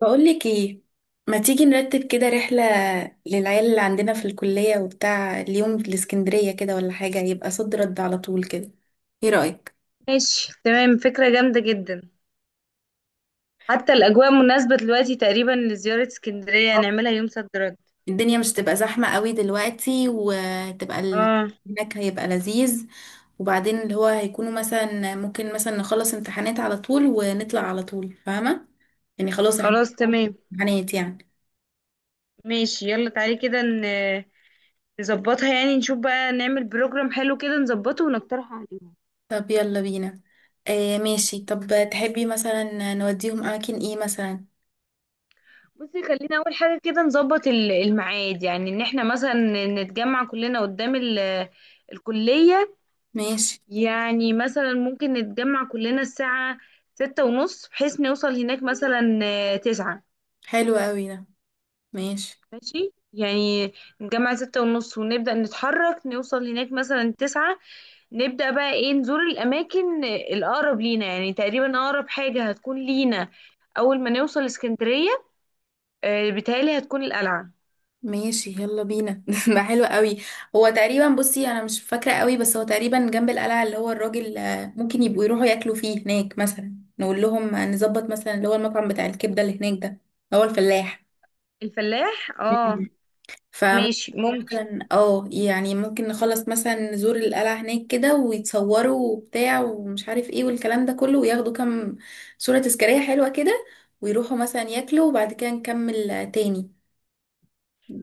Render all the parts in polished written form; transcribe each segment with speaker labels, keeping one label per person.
Speaker 1: بقولك ايه، ما تيجي نرتب كده رحلة للعيال اللي عندنا في الكلية وبتاع اليوم الاسكندرية كده ولا حاجة يبقى صد رد على طول كده، ايه رأيك؟
Speaker 2: ماشي تمام، فكرة جامدة جدا. حتى الأجواء مناسبة دلوقتي تقريبا لزيارة اسكندرية،
Speaker 1: آه.
Speaker 2: نعملها يوم صد رد.
Speaker 1: الدنيا مش تبقى زحمة قوي دلوقتي وتبقى
Speaker 2: اه
Speaker 1: هناك هيبقى لذيذ. وبعدين اللي هو هيكونوا مثلا ممكن مثلا نخلص امتحانات على طول ونطلع على طول، فاهمة؟ يعني خلاص احنا
Speaker 2: خلاص تمام.
Speaker 1: امتحانات يعني.
Speaker 2: ماشي يلا تعالي كده نظبطها، يعني نشوف بقى نعمل بروجرام حلو كده، نظبطه ونقترحه عليهم.
Speaker 1: طب يلا بينا. آه ماشي، طب تحبي مثلا نوديهم اماكن ايه مثلا؟
Speaker 2: بصي، خلينا أول حاجة كده نظبط الميعاد، يعني إن احنا مثلا نتجمع كلنا قدام الكلية.
Speaker 1: ماشي.
Speaker 2: يعني مثلا ممكن نتجمع كلنا الساعة ستة ونص، بحيث نوصل هناك مثلا تسعة.
Speaker 1: حلو قوي ده. ماشي.
Speaker 2: ماشي يعني، نجمع ستة ونص ونبدأ نتحرك، نوصل هناك مثلا تسعة. نبدأ بقى ايه نزور الأماكن الأقرب لينا، يعني تقريبا أقرب حاجة هتكون لينا أول ما نوصل اسكندرية بيتهيألي هتكون القلعة.
Speaker 1: ماشي يلا بينا ده حلو قوي. هو تقريبا، بصي انا مش فاكره قوي، بس هو تقريبا جنب القلعه اللي هو الراجل، ممكن يبقوا يروحوا ياكلوا فيه هناك، مثلا نقول لهم نظبط مثلا اللي هو المطعم بتاع الكبده اللي هناك ده، اللي هو الفلاح.
Speaker 2: الفلاح، اه.
Speaker 1: مم. فممكن
Speaker 2: ماشي ممكن.
Speaker 1: مثلا، اه يعني ممكن نخلص مثلا نزور القلعة هناك كده ويتصوروا وبتاع ومش عارف ايه والكلام ده كله وياخدوا كام صورة تذكارية حلوة كده، ويروحوا مثلا ياكلوا وبعد كده نكمل تاني.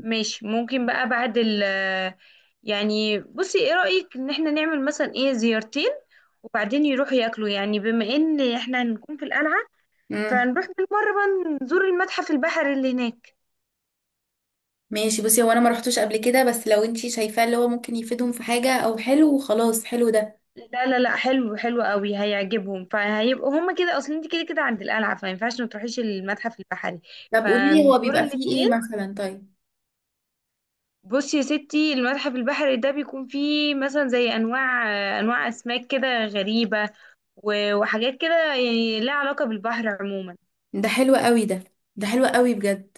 Speaker 2: ماشي ممكن بقى بعد ال، يعني بصي ايه رأيك ان احنا نعمل مثلا ايه زيارتين وبعدين يروحوا ياكلوا، يعني بما ان احنا هنكون في القلعة
Speaker 1: مم.
Speaker 2: فنروح بالمرة بقى نزور المتحف البحري اللي هناك.
Speaker 1: ماشي، بصي هو انا ما رحتوش قبل كده بس لو انتي شايفاه اللي هو ممكن يفيدهم في حاجة او حلو، خلاص حلو ده.
Speaker 2: لا لا لا، حلو حلو قوي، هيعجبهم، فهيبقوا هما كده، اصل انت كده كده عند القلعه فما ينفعش ما تروحيش المتحف البحري،
Speaker 1: طب قولي لي هو
Speaker 2: فنزور
Speaker 1: بيبقى فيه ايه
Speaker 2: الاثنين.
Speaker 1: مثلا طيب؟
Speaker 2: بصي يا ستي، المتحف البحري ده بيكون فيه مثلا زي انواع اسماك كده غريبه، وحاجات كده يعني لها علاقه بالبحر عموما.
Speaker 1: ده حلو قوي ده. ده حلو قوي بجد.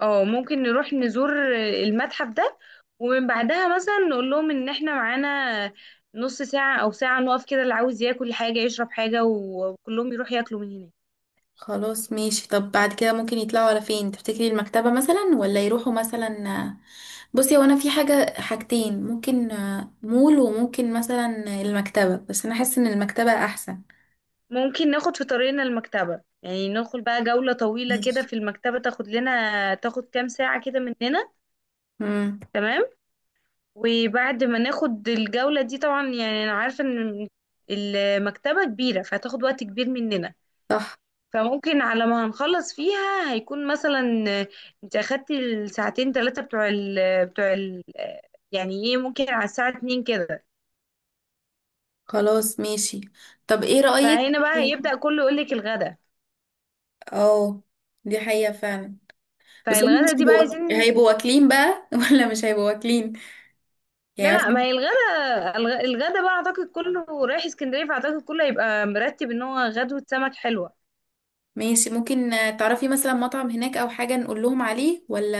Speaker 2: اه ممكن نروح نزور المتحف ده، ومن بعدها مثلا نقول لهم ان احنا معانا نص ساعه او ساعه نقف كده، اللي عاوز ياكل حاجه يشرب حاجه وكلهم يروح ياكلوا من هناك.
Speaker 1: خلاص ماشي، طب بعد كده ممكن يطلعوا على فين تفتكري؟ المكتبة مثلا ولا يروحوا مثلا، آه، بصي هو انا في حاجة حاجتين ممكن، مول وممكن مثلا المكتبة، بس انا حاسة ان المكتبة احسن.
Speaker 2: ممكن ناخد في طريقنا المكتبة، يعني ناخد بقى جولة طويلة كده
Speaker 1: ماشي.
Speaker 2: في المكتبة، تاخد لنا، تاخد كام ساعة كده مننا.
Speaker 1: امم.
Speaker 2: تمام. وبعد ما ناخد الجولة دي طبعا، يعني أنا عارفة إن المكتبة كبيرة فهتاخد وقت كبير مننا.
Speaker 1: صح.
Speaker 2: فممكن على ما هنخلص فيها هيكون مثلا، آه، انت أخدتي الساعتين ثلاثة بتوع ال، بتوع ال آه، يعني ايه، ممكن على الساعة اتنين كده.
Speaker 1: خلاص ماشي. طب ايه رأيك؟
Speaker 2: فهنا بقى هيبدأ كله يقولك الغدا.
Speaker 1: اه، دي حقيقة فعلا. بس هم مش
Speaker 2: فالغدا دي بقى
Speaker 1: هيبقوا
Speaker 2: عايزين.
Speaker 1: هيبقوا واكلين بقى ولا مش هيبقوا واكلين
Speaker 2: لا
Speaker 1: يعني
Speaker 2: لا، ما
Speaker 1: مثلا؟
Speaker 2: هي الغدا، الغدا بقى اعتقد كله رايح اسكندريه، فاعتقد كله هيبقى مرتب ان هو غدوه سمك حلوه.
Speaker 1: ماشي، ممكن تعرفي مثلا مطعم هناك او حاجة نقول لهم عليه ولا؟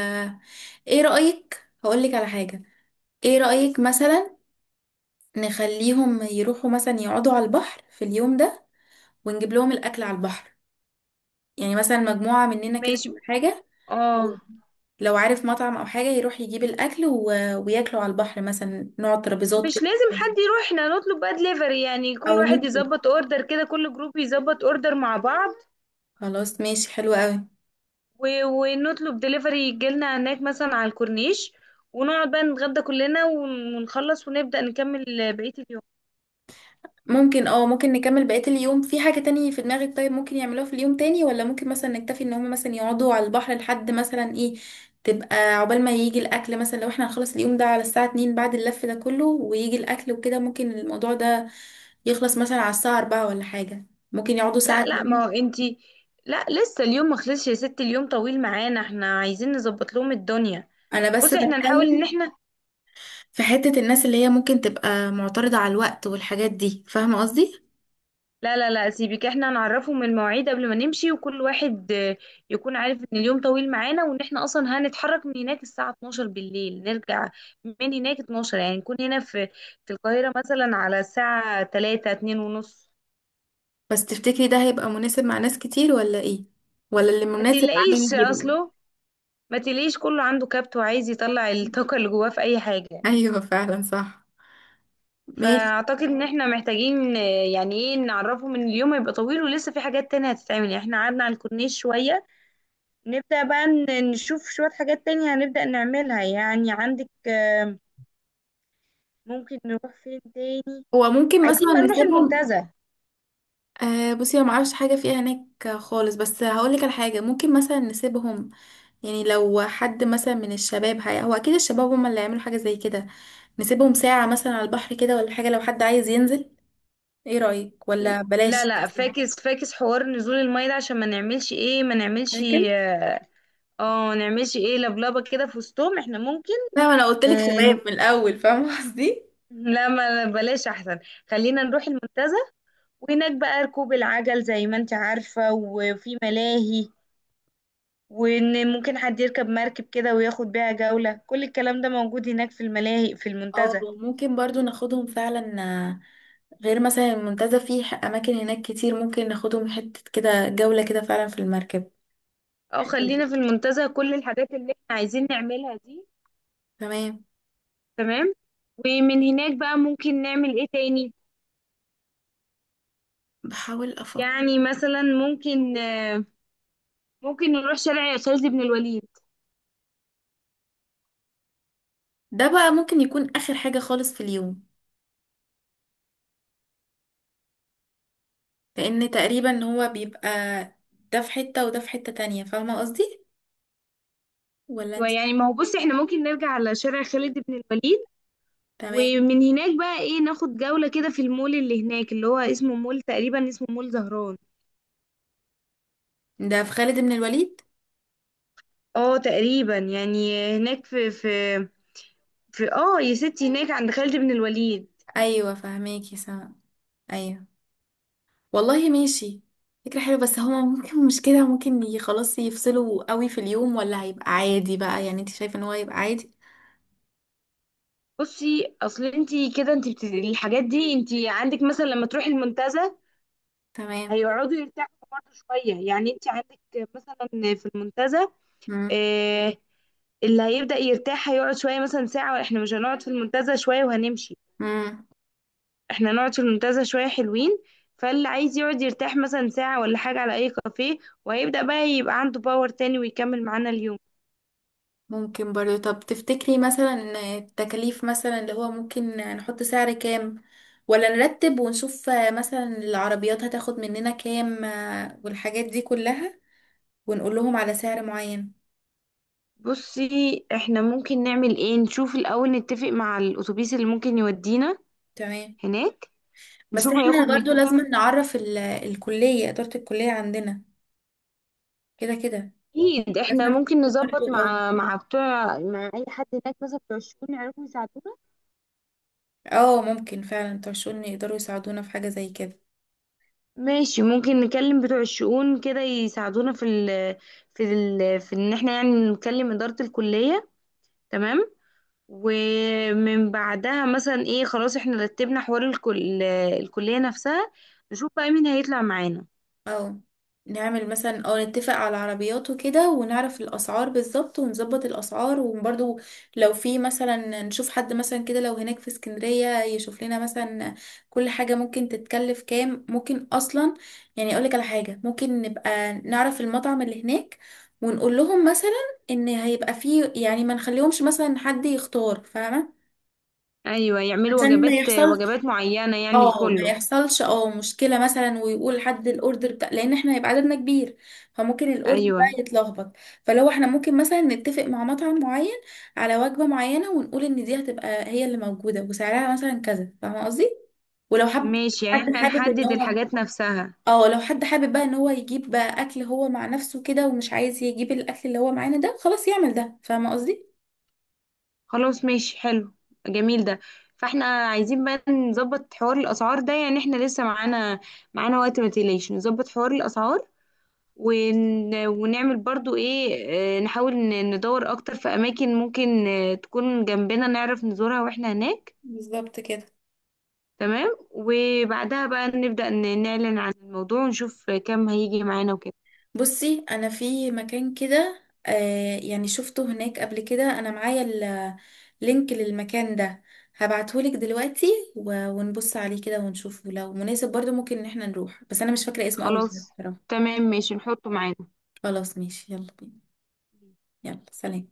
Speaker 1: ايه رأيك، هقولك على حاجة، ايه رأيك مثلا نخليهم يروحوا مثلا يقعدوا على البحر في اليوم ده ونجيب لهم الاكل على البحر؟ يعني مثلا مجموعة مننا كده
Speaker 2: ماشي
Speaker 1: ولا حاجة،
Speaker 2: اه.
Speaker 1: لو عارف مطعم او حاجة يروح يجيب الاكل وياكلوا على البحر، مثلا نقعد ترابيزات
Speaker 2: مش
Speaker 1: كده
Speaker 2: لازم حد يروح، احنا نطلب بقى دليفري، يعني
Speaker 1: او
Speaker 2: كل واحد
Speaker 1: نطلب.
Speaker 2: يظبط اوردر كده، كل جروب يظبط اوردر مع بعض،
Speaker 1: خلاص ماشي، حلو قوي.
Speaker 2: و... ونطلب دليفري يجيلنا هناك مثلا على الكورنيش، ونقعد بقى نتغدى كلنا ونخلص ونبدأ نكمل بقية اليوم.
Speaker 1: ممكن اه، ممكن نكمل بقية اليوم في حاجة تانية في دماغك؟ طيب ممكن يعملوها في اليوم تاني ولا ممكن مثلا نكتفي ان هم مثلا يقعدوا على البحر لحد مثلا ايه، تبقى عقبال ما يجي الاكل مثلا؟ لو احنا هنخلص اليوم ده على الساعة 2 بعد اللف ده كله ويجي الاكل وكده، ممكن الموضوع ده يخلص مثلا على الساعة 4 ولا حاجة، ممكن يقعدوا
Speaker 2: لا
Speaker 1: ساعة
Speaker 2: لا،
Speaker 1: كمان.
Speaker 2: ما هو انتي، لا لسه اليوم ما خلصش يا ستي، اليوم طويل معانا، احنا عايزين نظبط لهم الدنيا.
Speaker 1: انا بس
Speaker 2: بصي، احنا
Speaker 1: بتكلم
Speaker 2: نحاول ان احنا،
Speaker 1: في حتة الناس اللي هي ممكن تبقى معترضة على الوقت والحاجات دي، فاهمة قصدي؟
Speaker 2: لا لا لا سيبك، احنا نعرفهم المواعيد قبل ما نمشي، وكل واحد يكون عارف ان اليوم طويل معانا، وان احنا اصلا هنتحرك من هناك الساعة 12 بالليل، نرجع من هناك 12، يعني نكون هنا في القاهرة مثلا على الساعة 3 2 ونص.
Speaker 1: بس تفتكري ده هيبقى مناسب مع ناس كتير ولا ايه؟ ولا اللي
Speaker 2: ما
Speaker 1: مناسب معاه
Speaker 2: تقلقيش
Speaker 1: يجي بقى.
Speaker 2: اصله، ما تقلقيش، كله عنده كبت وعايز يطلع الطاقة اللي جواه في اي حاجة.
Speaker 1: ايوه فعلا صح. ماشي.
Speaker 2: فاعتقد ان احنا محتاجين، يعني ايه، نعرفهم ان اليوم هيبقى طويل ولسه في حاجات تانية هتتعمل، يعني احنا قعدنا على الكورنيش شوية، نبدأ بقى نشوف شوية حاجات تانية هنبدأ نعملها، يعني عندك ممكن نروح فين تاني،
Speaker 1: هو ممكن
Speaker 2: عايزين
Speaker 1: مثلا
Speaker 2: بقى نروح
Speaker 1: نسيبهم،
Speaker 2: المنتزه.
Speaker 1: آه بصي انا معرفش حاجه فيها هناك خالص، بس هقولك على حاجه ممكن مثلا نسيبهم، يعني لو حد مثلا من الشباب، هي هو اكيد الشباب هم اللي هيعملوا حاجه زي كده، نسيبهم ساعه مثلا على البحر كده ولا حاجه لو حد عايز ينزل. ايه رايك ولا
Speaker 2: لا
Speaker 1: بلاش
Speaker 2: لا،
Speaker 1: أحسن؟
Speaker 2: فاكس فاكس حوار نزول المية ده، عشان ما نعملش ايه، ما نعملش
Speaker 1: شاكل،
Speaker 2: نعملش ايه لبلبة كده في وسطهم، احنا ممكن
Speaker 1: فاهمه؟ انا قلت لك
Speaker 2: آه،
Speaker 1: شباب من الاول، فاهمه قصدي؟
Speaker 2: لا ما بلاش احسن. خلينا نروح المنتزه، وهناك بقى ركوب العجل زي ما انت عارفة، وفي ملاهي، وان ممكن حد يركب مركب كده وياخد بيها جولة، كل الكلام ده موجود هناك في الملاهي في
Speaker 1: اه
Speaker 2: المنتزه.
Speaker 1: ممكن برضو ناخدهم فعلا، غير مثلا المنتزه فيه اماكن هناك كتير ممكن ناخدهم حته كده جوله كده فعلا في المركب.
Speaker 2: اه
Speaker 1: حلو.
Speaker 2: خلينا في المنتزه كل الحاجات اللي احنا عايزين نعملها دي.
Speaker 1: تمام.
Speaker 2: تمام. ومن هناك بقى ممكن نعمل ايه تاني،
Speaker 1: بحاول افكر.
Speaker 2: يعني مثلا ممكن نروح شارع خالد بن الوليد.
Speaker 1: ده بقى ممكن يكون اخر حاجة خالص في اليوم، لان تقريبا هو بيبقى ده في حتة وده في حتة تانية، فاهمة قصدي ولا
Speaker 2: أيوة،
Speaker 1: انت؟
Speaker 2: يعني ما هو بص، احنا ممكن نرجع على شارع خالد بن الوليد،
Speaker 1: تمام.
Speaker 2: ومن هناك بقى ايه، ناخد جولة كده في المول اللي هناك، اللي هو اسمه مول، تقريبا اسمه مول زهران.
Speaker 1: ده في خالد بن الوليد؟
Speaker 2: اه تقريبا، يعني هناك في يا ستي، هناك عند خالد بن الوليد.
Speaker 1: ايوه فهماكي سما. ايوه. والله ماشي، فكرة حلوة. بس هما ممكن مش كده ممكن خلاص يفصلوا قوي في اليوم، ولا هيبقى عادي بقى؟ يعني انت شايفة ان هو هيبقى عادي؟
Speaker 2: بصي، اصل انتي كده انتي الحاجات دي انتي عندك مثلا لما تروحي المنتزه،
Speaker 1: تمام.
Speaker 2: هيقعدوا يرتاحوا برضه شويه، يعني انتي عندك مثلا في المنتزه، آه اللي هيبدأ يرتاح هيقعد شويه مثلا ساعه، واحنا مش هنقعد في المنتزه شويه وهنمشي،
Speaker 1: امم.
Speaker 2: احنا نقعد في المنتزه شويه حلوين، فاللي عايز يقعد يرتاح مثلا ساعه ولا حاجه على اي كافيه، وهيبدا بقى يبقى عنده باور تاني ويكمل معانا اليوم.
Speaker 1: ممكن برضه. طب تفتكري مثلا التكاليف مثلا اللي هو ممكن نحط سعر كام، ولا نرتب ونشوف مثلا العربيات هتاخد مننا كام، والحاجات دي كلها، ونقول لهم على سعر معين؟
Speaker 2: بصي، احنا ممكن نعمل ايه، نشوف الاول نتفق مع الاتوبيس اللي ممكن يودينا
Speaker 1: تمام.
Speaker 2: هناك،
Speaker 1: بس
Speaker 2: نشوف
Speaker 1: احنا
Speaker 2: هياخد
Speaker 1: برضه
Speaker 2: مننا.
Speaker 1: لازم نعرف الكلية، إدارة الكلية عندنا كده كده
Speaker 2: اكيد احنا
Speaker 1: لازم
Speaker 2: ممكن نظبط
Speaker 1: برضه. اه
Speaker 2: مع بتوع، مع اي حد هناك مثلا بتوع الشؤون يعرفوا يساعدونا.
Speaker 1: اه، ممكن فعلا ترشوني يقدروا يساعدونا في حاجة زي كده.
Speaker 2: ماشي، ممكن نكلم بتوع الشؤون كده يساعدونا في ال، في ان احنا يعني نكلم اداره الكليه. تمام. ومن بعدها مثلا ايه، خلاص احنا رتبنا حوار الكلية نفسها، نشوف بقى مين هيطلع معانا.
Speaker 1: اه، نعمل مثلا او نتفق على العربيات وكده ونعرف الاسعار بالظبط ونظبط الاسعار، وبرضو لو في مثلا نشوف حد مثلا كده لو هناك في اسكندرية يشوف لنا مثلا كل حاجة ممكن تتكلف كام ممكن اصلا. يعني اقولك على حاجة، ممكن نبقى نعرف المطعم اللي هناك ونقول لهم مثلا ان هيبقى فيه، يعني ما نخليهمش مثلا حد يختار، فاهمة؟
Speaker 2: ايوه يعملوا
Speaker 1: عشان ما
Speaker 2: وجبات
Speaker 1: يحصلش
Speaker 2: وجبات معينة يعني
Speaker 1: اه، ما
Speaker 2: لكله.
Speaker 1: يحصلش اه مشكله مثلا ويقول حد الاوردر بتاع، لان احنا هيبقى عددنا كبير فممكن الاوردر بقى
Speaker 2: ايوه
Speaker 1: يتلخبط. فلو احنا ممكن مثلا نتفق مع مطعم معين على وجبه معينه ونقول ان دي هتبقى هي اللي موجوده وسعرها مثلا كذا، فاهمه قصدي؟ ولو حب
Speaker 2: ماشي، يعني
Speaker 1: حد
Speaker 2: احنا
Speaker 1: حابب ان
Speaker 2: نحدد
Speaker 1: هو،
Speaker 2: الحاجات نفسها.
Speaker 1: اه لو حد حابب بقى ان هو يجيب بقى اكل هو مع نفسه كده ومش عايز يجيب الاكل اللي هو معانا ده، خلاص يعمل ده، فاهمه قصدي؟
Speaker 2: خلاص ماشي، حلو، جميل ده. فاحنا عايزين بقى نظبط حوار الاسعار ده، يعني احنا لسه معانا وقت، ما تقلقش نظبط حوار الاسعار، ونعمل برضو ايه، نحاول ندور اكتر في اماكن ممكن تكون جنبنا، نعرف نزورها واحنا هناك.
Speaker 1: بالظبط كده.
Speaker 2: تمام. وبعدها بقى نبدأ نعلن عن الموضوع ونشوف كم هيجي معانا وكده.
Speaker 1: بصي انا في مكان كده، آه يعني شفته هناك قبل كده، انا معايا اللينك للمكان ده، هبعتهولك دلوقتي ونبص عليه كده ونشوفه لو مناسب، برضو ممكن ان احنا نروح، بس انا مش فاكرة اسمه قوي
Speaker 2: خلاص
Speaker 1: بصراحة.
Speaker 2: تمام ماشي، نحطه معانا.
Speaker 1: خلاص. ماشي يلا بينا. يلا سلام.